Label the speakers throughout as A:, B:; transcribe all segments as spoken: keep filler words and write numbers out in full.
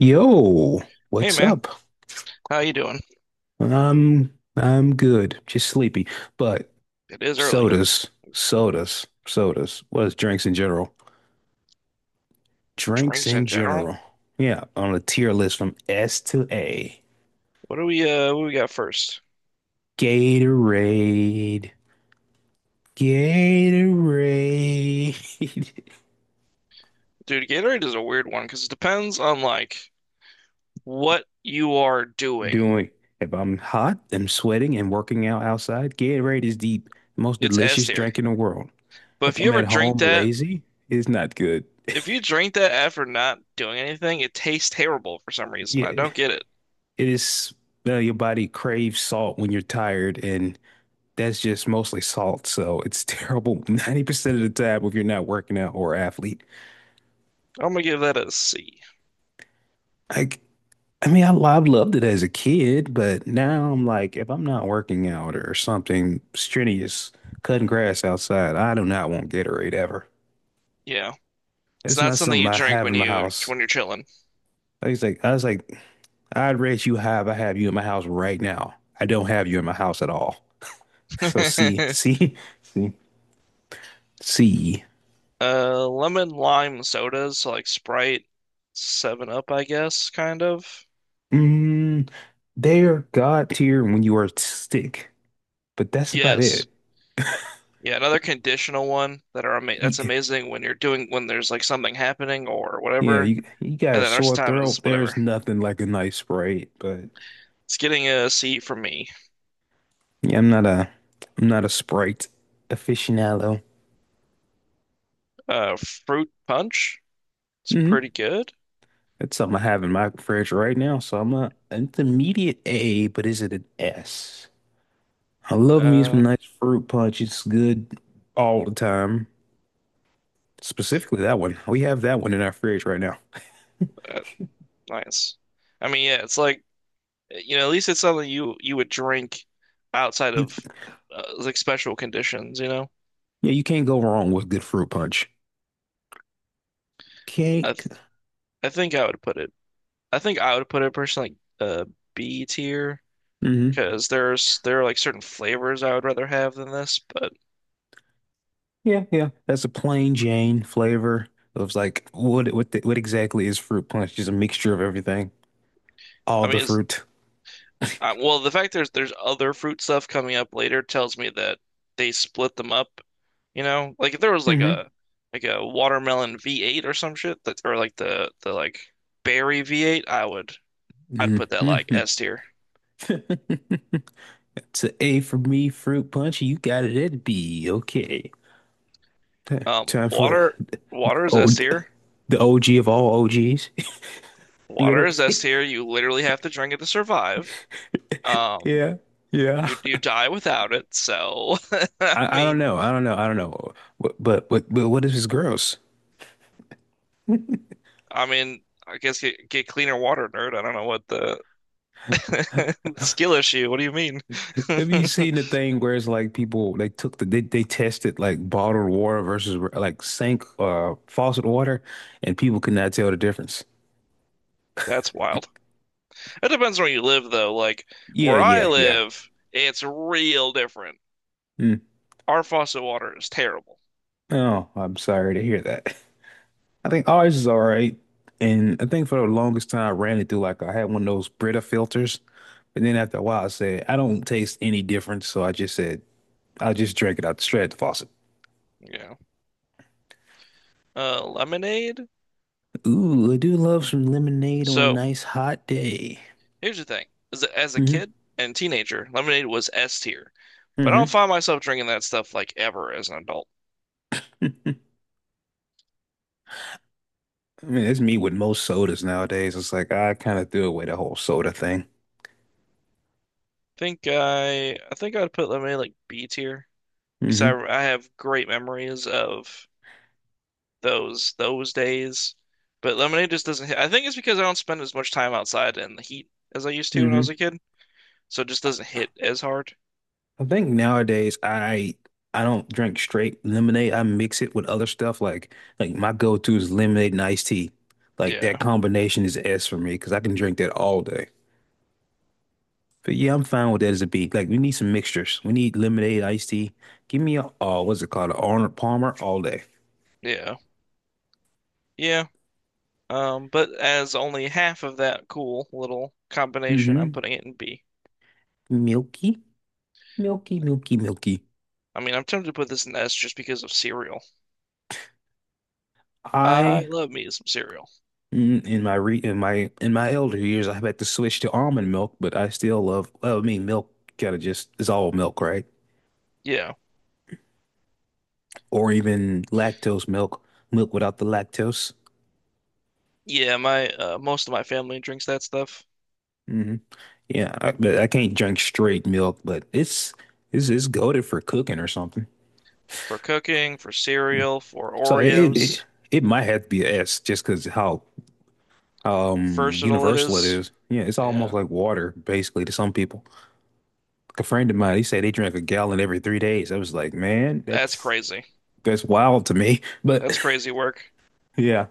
A: Yo,
B: Hey
A: what's
B: man,
A: up?
B: how you doing?
A: I'm I'm good, just sleepy. But
B: It is early.
A: sodas, sodas, sodas. What is drinks in general? Drinks
B: Drinks
A: in
B: in general.
A: general. Yeah, on a tier list from S to A.
B: What do we uh what do we got first?
A: Gatorade, Gatorade.
B: Dude, Gatorade is a weird one because it depends on like what you are doing.
A: Doing if I'm hot, I'm sweating and working out outside, Gatorade is the most
B: It's S
A: delicious
B: tier.
A: drink in the world.
B: But
A: If
B: if you
A: I'm
B: ever
A: at
B: drink
A: home
B: that,
A: lazy, it's not good.
B: if you drink that after not doing anything, it tastes terrible for some reason.
A: Yeah.
B: I don't get
A: It
B: it.
A: is uh, your body craves salt when you're tired, and that's just mostly salt. So it's terrible ninety percent of the time if you're not working out or athlete.
B: I'm gonna give that a C.
A: Like, I mean, I, I loved it as a kid, but now I'm like, if I'm not working out or something strenuous, cutting grass outside, I do not want Gatorade ever.
B: Yeah. It's
A: It's
B: not
A: not
B: something
A: something
B: you
A: I
B: drink
A: have
B: when
A: in my
B: you
A: house.
B: when you're chilling.
A: I was like, I was like, I'd rate you high if I have you in my house right now. I don't have you in my house at all. So see, see, see, see.
B: Uh lemon lime sodas, so like Sprite, seven Up, I guess, kind of.
A: Mm, they're God tier when you are sick, but that's about
B: Yes.
A: it.
B: Yeah, another conditional one that are ama that's
A: Y-
B: amazing when you're doing when there's like something happening or
A: Yeah,
B: whatever.
A: you you got
B: And
A: a
B: then the rest
A: sore
B: of the time is
A: throat. There's
B: whatever.
A: nothing like a nice Sprite, but
B: It's getting a C for me.
A: yeah, I'm not a I'm not a Sprite aficionado.
B: Uh, fruit punch. It's
A: hmm
B: pretty good.
A: That's something I have in my fridge right now, so I'm not intermediate A, but is it an S? I love me some
B: Uh,
A: nice fruit punch. It's good all the time. Specifically that one. We have that one in our fridge right now.
B: uh, Nice. I mean, yeah, it's like you know, at least it's something you you would drink outside
A: You
B: of uh, like special conditions. You know,
A: yeah, you can't go wrong with good fruit punch.
B: I
A: Cake.
B: th I think I would put it. I think I would put it personally like uh B tier
A: hmm
B: because there's there are like certain flavors I would rather have than this, but.
A: Yeah, yeah. That's a plain Jane flavor. It was like what what the, what exactly is fruit punch? Just a mixture of everything, all
B: I mean,
A: the
B: it's,
A: fruit.
B: uh, well, the fact there's there's other fruit stuff coming up later tells me that they split them up. You know, like if there was like
A: hmm
B: a like a watermelon V eight or some shit that, or like the the like berry V eight, I would I'd put that like
A: hmm
B: S tier.
A: It's a A for me, fruit punch. You got it at B. Okay.
B: Um,
A: Time for the,
B: water
A: the
B: Water is S
A: old
B: tier.
A: the O G of all O Gs.
B: Water is S
A: Literally.
B: tier. You literally have to drink it to survive. Um,
A: Yeah. Yeah.
B: you you die without it. So I
A: I, I don't
B: mean,
A: know. I don't know. I don't know. But but but, but what if it's gross?
B: I mean, I guess get get cleaner water, nerd. I don't know what the skill issue. What do you mean?
A: Have you seen the thing where it's like people they took the they, they tested like bottled water versus like sink uh faucet water and people could not tell the difference.
B: That's wild. It depends where you live, though. Like
A: Yeah,
B: where I
A: yeah, yeah.
B: live, it's real different.
A: Mm.
B: Our faucet water is terrible.
A: Oh, I'm sorry to hear that. I think ours is all right. And I think for the longest time I ran it through like I had one of those Brita filters. But then after a while I said, I don't taste any difference, so I just said I'll just drink it out straight at the faucet.
B: You know, uh, lemonade.
A: Ooh, I do love some lemonade on a
B: So
A: nice hot day.
B: here's the thing: as a, as a
A: mm
B: kid and teenager, lemonade was S tier, but I don't
A: hmm
B: find myself drinking that stuff like ever as an adult.
A: I mean, it's me with most sodas nowadays. It's like I kind of threw away the whole soda thing.
B: Think I, I think I'd put lemonade like B tier because I
A: hmm
B: I have great memories of those those days. But lemonade just doesn't hit. I think it's because I don't spend as much time outside in the heat as I used to when I
A: hmm
B: was a kid, so it just doesn't hit as hard.
A: I think nowadays I I don't drink straight lemonade. I mix it with other stuff. Like like my go-to is lemonade and iced tea. Like that
B: Yeah,
A: combination is S for me because I can drink that all day. But yeah, I'm fine with that as a beat. Like we need some mixtures. We need lemonade, iced tea. Give me a oh, what's it called? An Arnold Palmer all day.
B: yeah, yeah. Um, but as only half of that cool little combination, I'm
A: hmm
B: putting it in B.
A: Milky, milky, milky, milky.
B: I mean, I'm tempted to put this in S just because of cereal. I
A: I
B: love me some cereal.
A: Mm, In my re in my in my elder years, I had to switch to almond milk, but I still love. Well, I mean, milk kind of just is all milk, right?
B: Yeah,
A: Or even lactose milk, milk without the lactose.
B: yeah. My uh, most of my family drinks that stuff
A: hmm Yeah, I, but I can't drink straight milk, but it's it's it's goaded for cooking or something.
B: for cooking, for cereal, for
A: So it it,
B: Oreos.
A: it might have to be a S just because how um
B: Versatile it
A: universal it
B: is.
A: is. Yeah, it's almost
B: Yeah,
A: like water basically to some people. Like a friend of mine, he said they drank a gallon every three days. I was like, man,
B: that's
A: that's
B: crazy.
A: that's wild to me. But
B: That's crazy work.
A: yeah,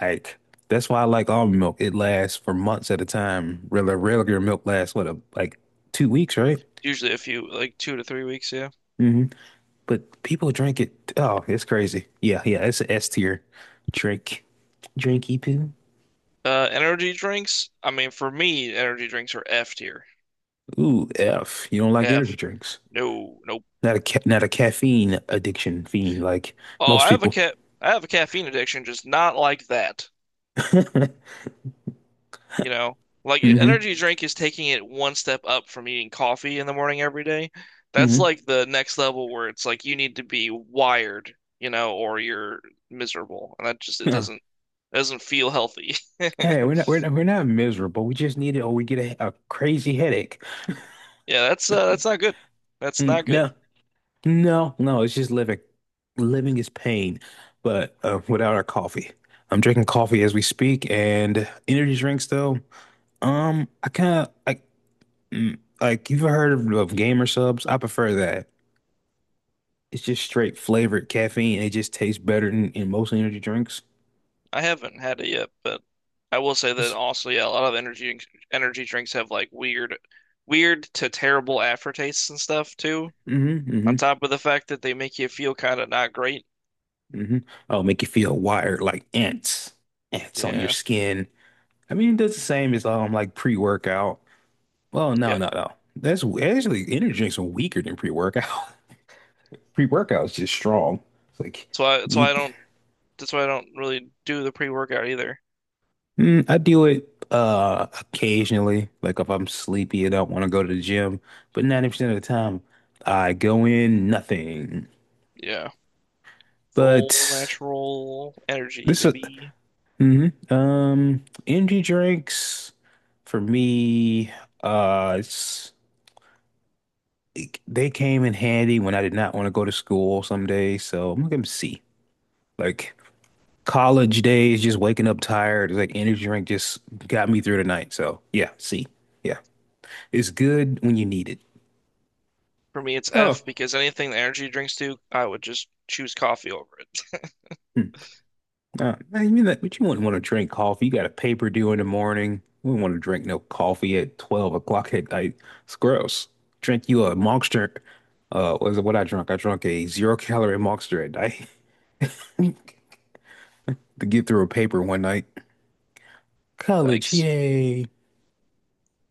A: like that's why I like almond milk. It lasts for months at a time. Regular regular milk lasts what a, like two weeks, right?
B: Usually a few, like two to three weeks, yeah.
A: hmm But people drink it. Oh, it's crazy. Yeah, yeah, it's an S tier drink. Drinky poo.
B: Uh, energy drinks. I mean, for me, energy drinks are F tier.
A: Ooh, F. You don't like energy
B: F.
A: drinks.
B: No, nope.
A: Not a ca not a caffeine addiction fiend like
B: Oh,
A: most
B: I have a
A: people.
B: cat. I have a caffeine addiction, just not like that. You know, like e,
A: hmm
B: energy drink is taking it one step up from eating coffee in the morning every day. That's
A: hmm
B: like the next level where it's like you need to be wired, you know, or you're miserable, and that just it
A: Yeah.
B: doesn't it doesn't feel healthy.
A: Hey, we're not we're not we're not miserable. We just need it, or we get a, a crazy headache.
B: Yeah, that's uh, that's not good. That's
A: Mm,
B: not good.
A: no, no, no, it's just living. Living is pain, but uh, without our coffee. I'm drinking coffee as we speak, and energy drinks though. Um, I kind of like mm, like you've heard of, of gamer subs. I prefer that. It's just straight flavored caffeine. It just tastes better than in most energy drinks.
B: I haven't had it yet, but I will say that
A: It's
B: also, yeah, a lot of energy energy drinks have like weird, weird to terrible aftertastes and stuff too.
A: mm-hmm, mm-hmm,
B: On top of the fact that they make you feel kind of not great.
A: mm-hmm. Oh, make you feel wired like ants, ants on your
B: Yeah,
A: skin. I mean, it does the same as um like pre-workout. Well, no,
B: yeah.
A: no, no. That's actually energy drinks are weaker than pre-workout. Pre-workout is just strong. It's like
B: That's why. That's why
A: need.
B: I don't. That's why I don't really do the pre-workout either.
A: Mm, I do it uh occasionally. Like if I'm sleepy and don't want to go to the gym, but ninety percent of the time I go in nothing.
B: Yeah, full
A: But
B: natural energy,
A: this is
B: baby.
A: mhm. Um energy drinks for me. Uh, it's it- they came in handy when I did not want to go to school some days. So I'm gonna see like. College days, just waking up tired, it's like energy drink just got me through the night. So yeah, see, yeah, it's good when you need it.
B: For me, it's
A: Oh,
B: F because anything the energy drinks do, I would just choose coffee over it.
A: hmm. Uh, I mean that, but you wouldn't want to drink coffee. You got a paper due in the morning. We wouldn't want to drink no coffee at twelve o'clock at night. It's gross. Drink you a Monster. Uh, was it what I drank? I drank a zero calorie Monster at night to get through a paper one night. College,
B: Yikes.
A: yay,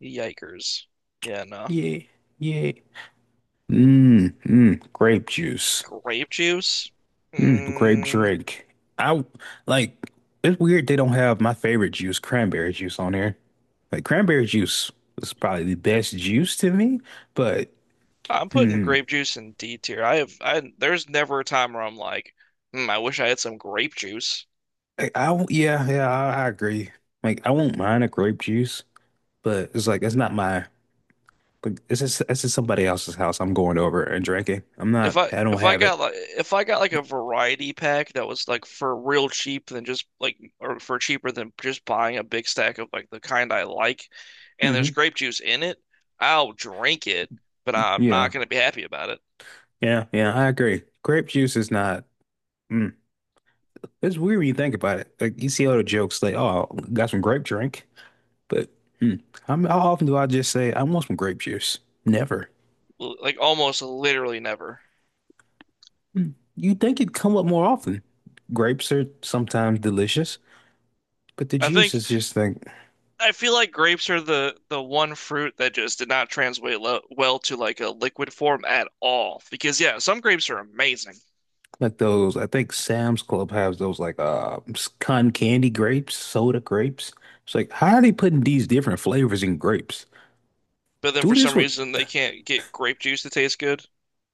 B: Yikers. Yeah, no.
A: yay, yay. Mmm, mmm, grape juice.
B: Grape juice?
A: Mm, grape
B: Mm,
A: drink. I like it's weird they don't have my favorite juice, cranberry juice, on here. Like cranberry juice is probably the best juice to me, but
B: I'm putting
A: hmm,
B: grape juice in D tier. I have I there's never a time where I'm like, hmm, I wish I had some grape juice.
A: I, I won't- yeah, yeah, I, I agree. Like I won't mind a grape juice, but it's like it's not my like it's just it's just somebody else's house I'm going over and drinking. I'm
B: If
A: not
B: I
A: I don't
B: if I
A: have it.
B: got like if I got like a variety pack that was like for real cheap than just like or for cheaper than just buying a big stack of like the kind I like, and
A: hmm
B: there's grape juice in it, I'll drink it, but I'm
A: Yeah.
B: not gonna be happy about it.
A: Yeah, yeah, I agree. Grape juice is not mm. It's weird when you think about it. Like you see all the jokes like, oh, got some grape drink. But hmm, how, how often do I just say, I want some grape juice? Never.
B: L- like almost literally never.
A: You'd think it'd come up more often. Grapes are sometimes delicious, but the
B: I
A: juice
B: think
A: is just like
B: I feel like grapes are the the one fruit that just did not translate lo well to like a liquid form at all. Because yeah, some grapes are amazing,
A: like those. I think Sam's Club has those like uh cotton candy grapes, soda grapes. It's like, how are they putting these different flavors in grapes?
B: but then
A: Do
B: for
A: this
B: some
A: with
B: reason they can't get grape juice to taste good.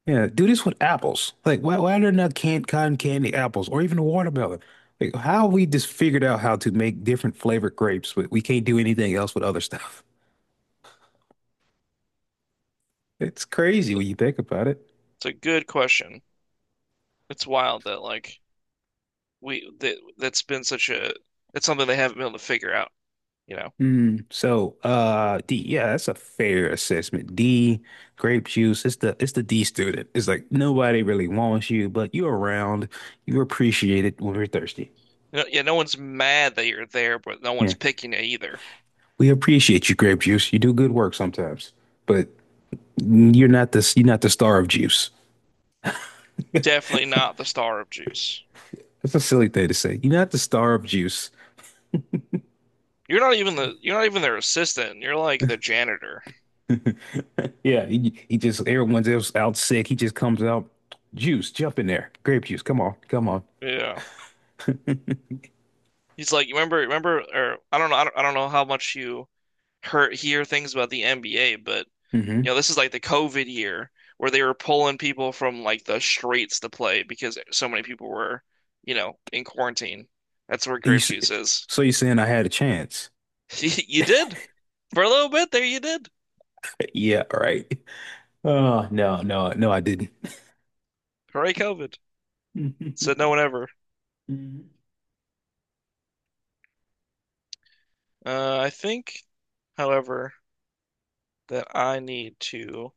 A: yeah, do this with apples. Like, why why are there not canned cotton candy apples or even a watermelon? Like, how we just figured out how to make different flavored grapes, but we can't do anything else with other stuff. It's crazy when you think about it.
B: It's a good question. It's wild that like we that that's been such a it's something they haven't been able to figure out, you know.
A: Mm, so, uh, D, yeah, that's a fair assessment. D, grape juice. It's the it's the D student. It's like nobody really wants you, but you're around. You are appreciated when we're thirsty.
B: You know, yeah, no one's mad that you're there, but no
A: Yeah,
B: one's picking you either.
A: we appreciate you, grape juice. You do good work sometimes, but you're not the you're not the star of juice.
B: Definitely not the star of juice.
A: That's a silly thing to say. You're not the star of juice.
B: You're not even the you're not even their assistant. You're like the janitor.
A: Yeah, he, he just everyone's else out sick. He just comes out, juice, jump in there, grape juice. Come on, come on.
B: You know. He's like, you remember remember or I don't know I don't, I don't know how much you heard hear things about the N B A, but you know, this is like the COVID year where they were pulling people from like the streets to play because so many people were, you know, in quarantine. That's where
A: You,
B: grape
A: s-
B: juice is.
A: so you're saying I had a chance?
B: You did. For a little bit there you did.
A: Yeah, right. Oh, no, no, no, I didn't.
B: Hooray COVID. Said no one ever.
A: Mm,
B: Uh, I think, however, that I need to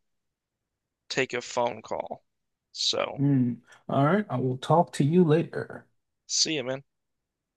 B: take a phone call. So,
A: mm. All right, I will talk to you later.
B: see you, man.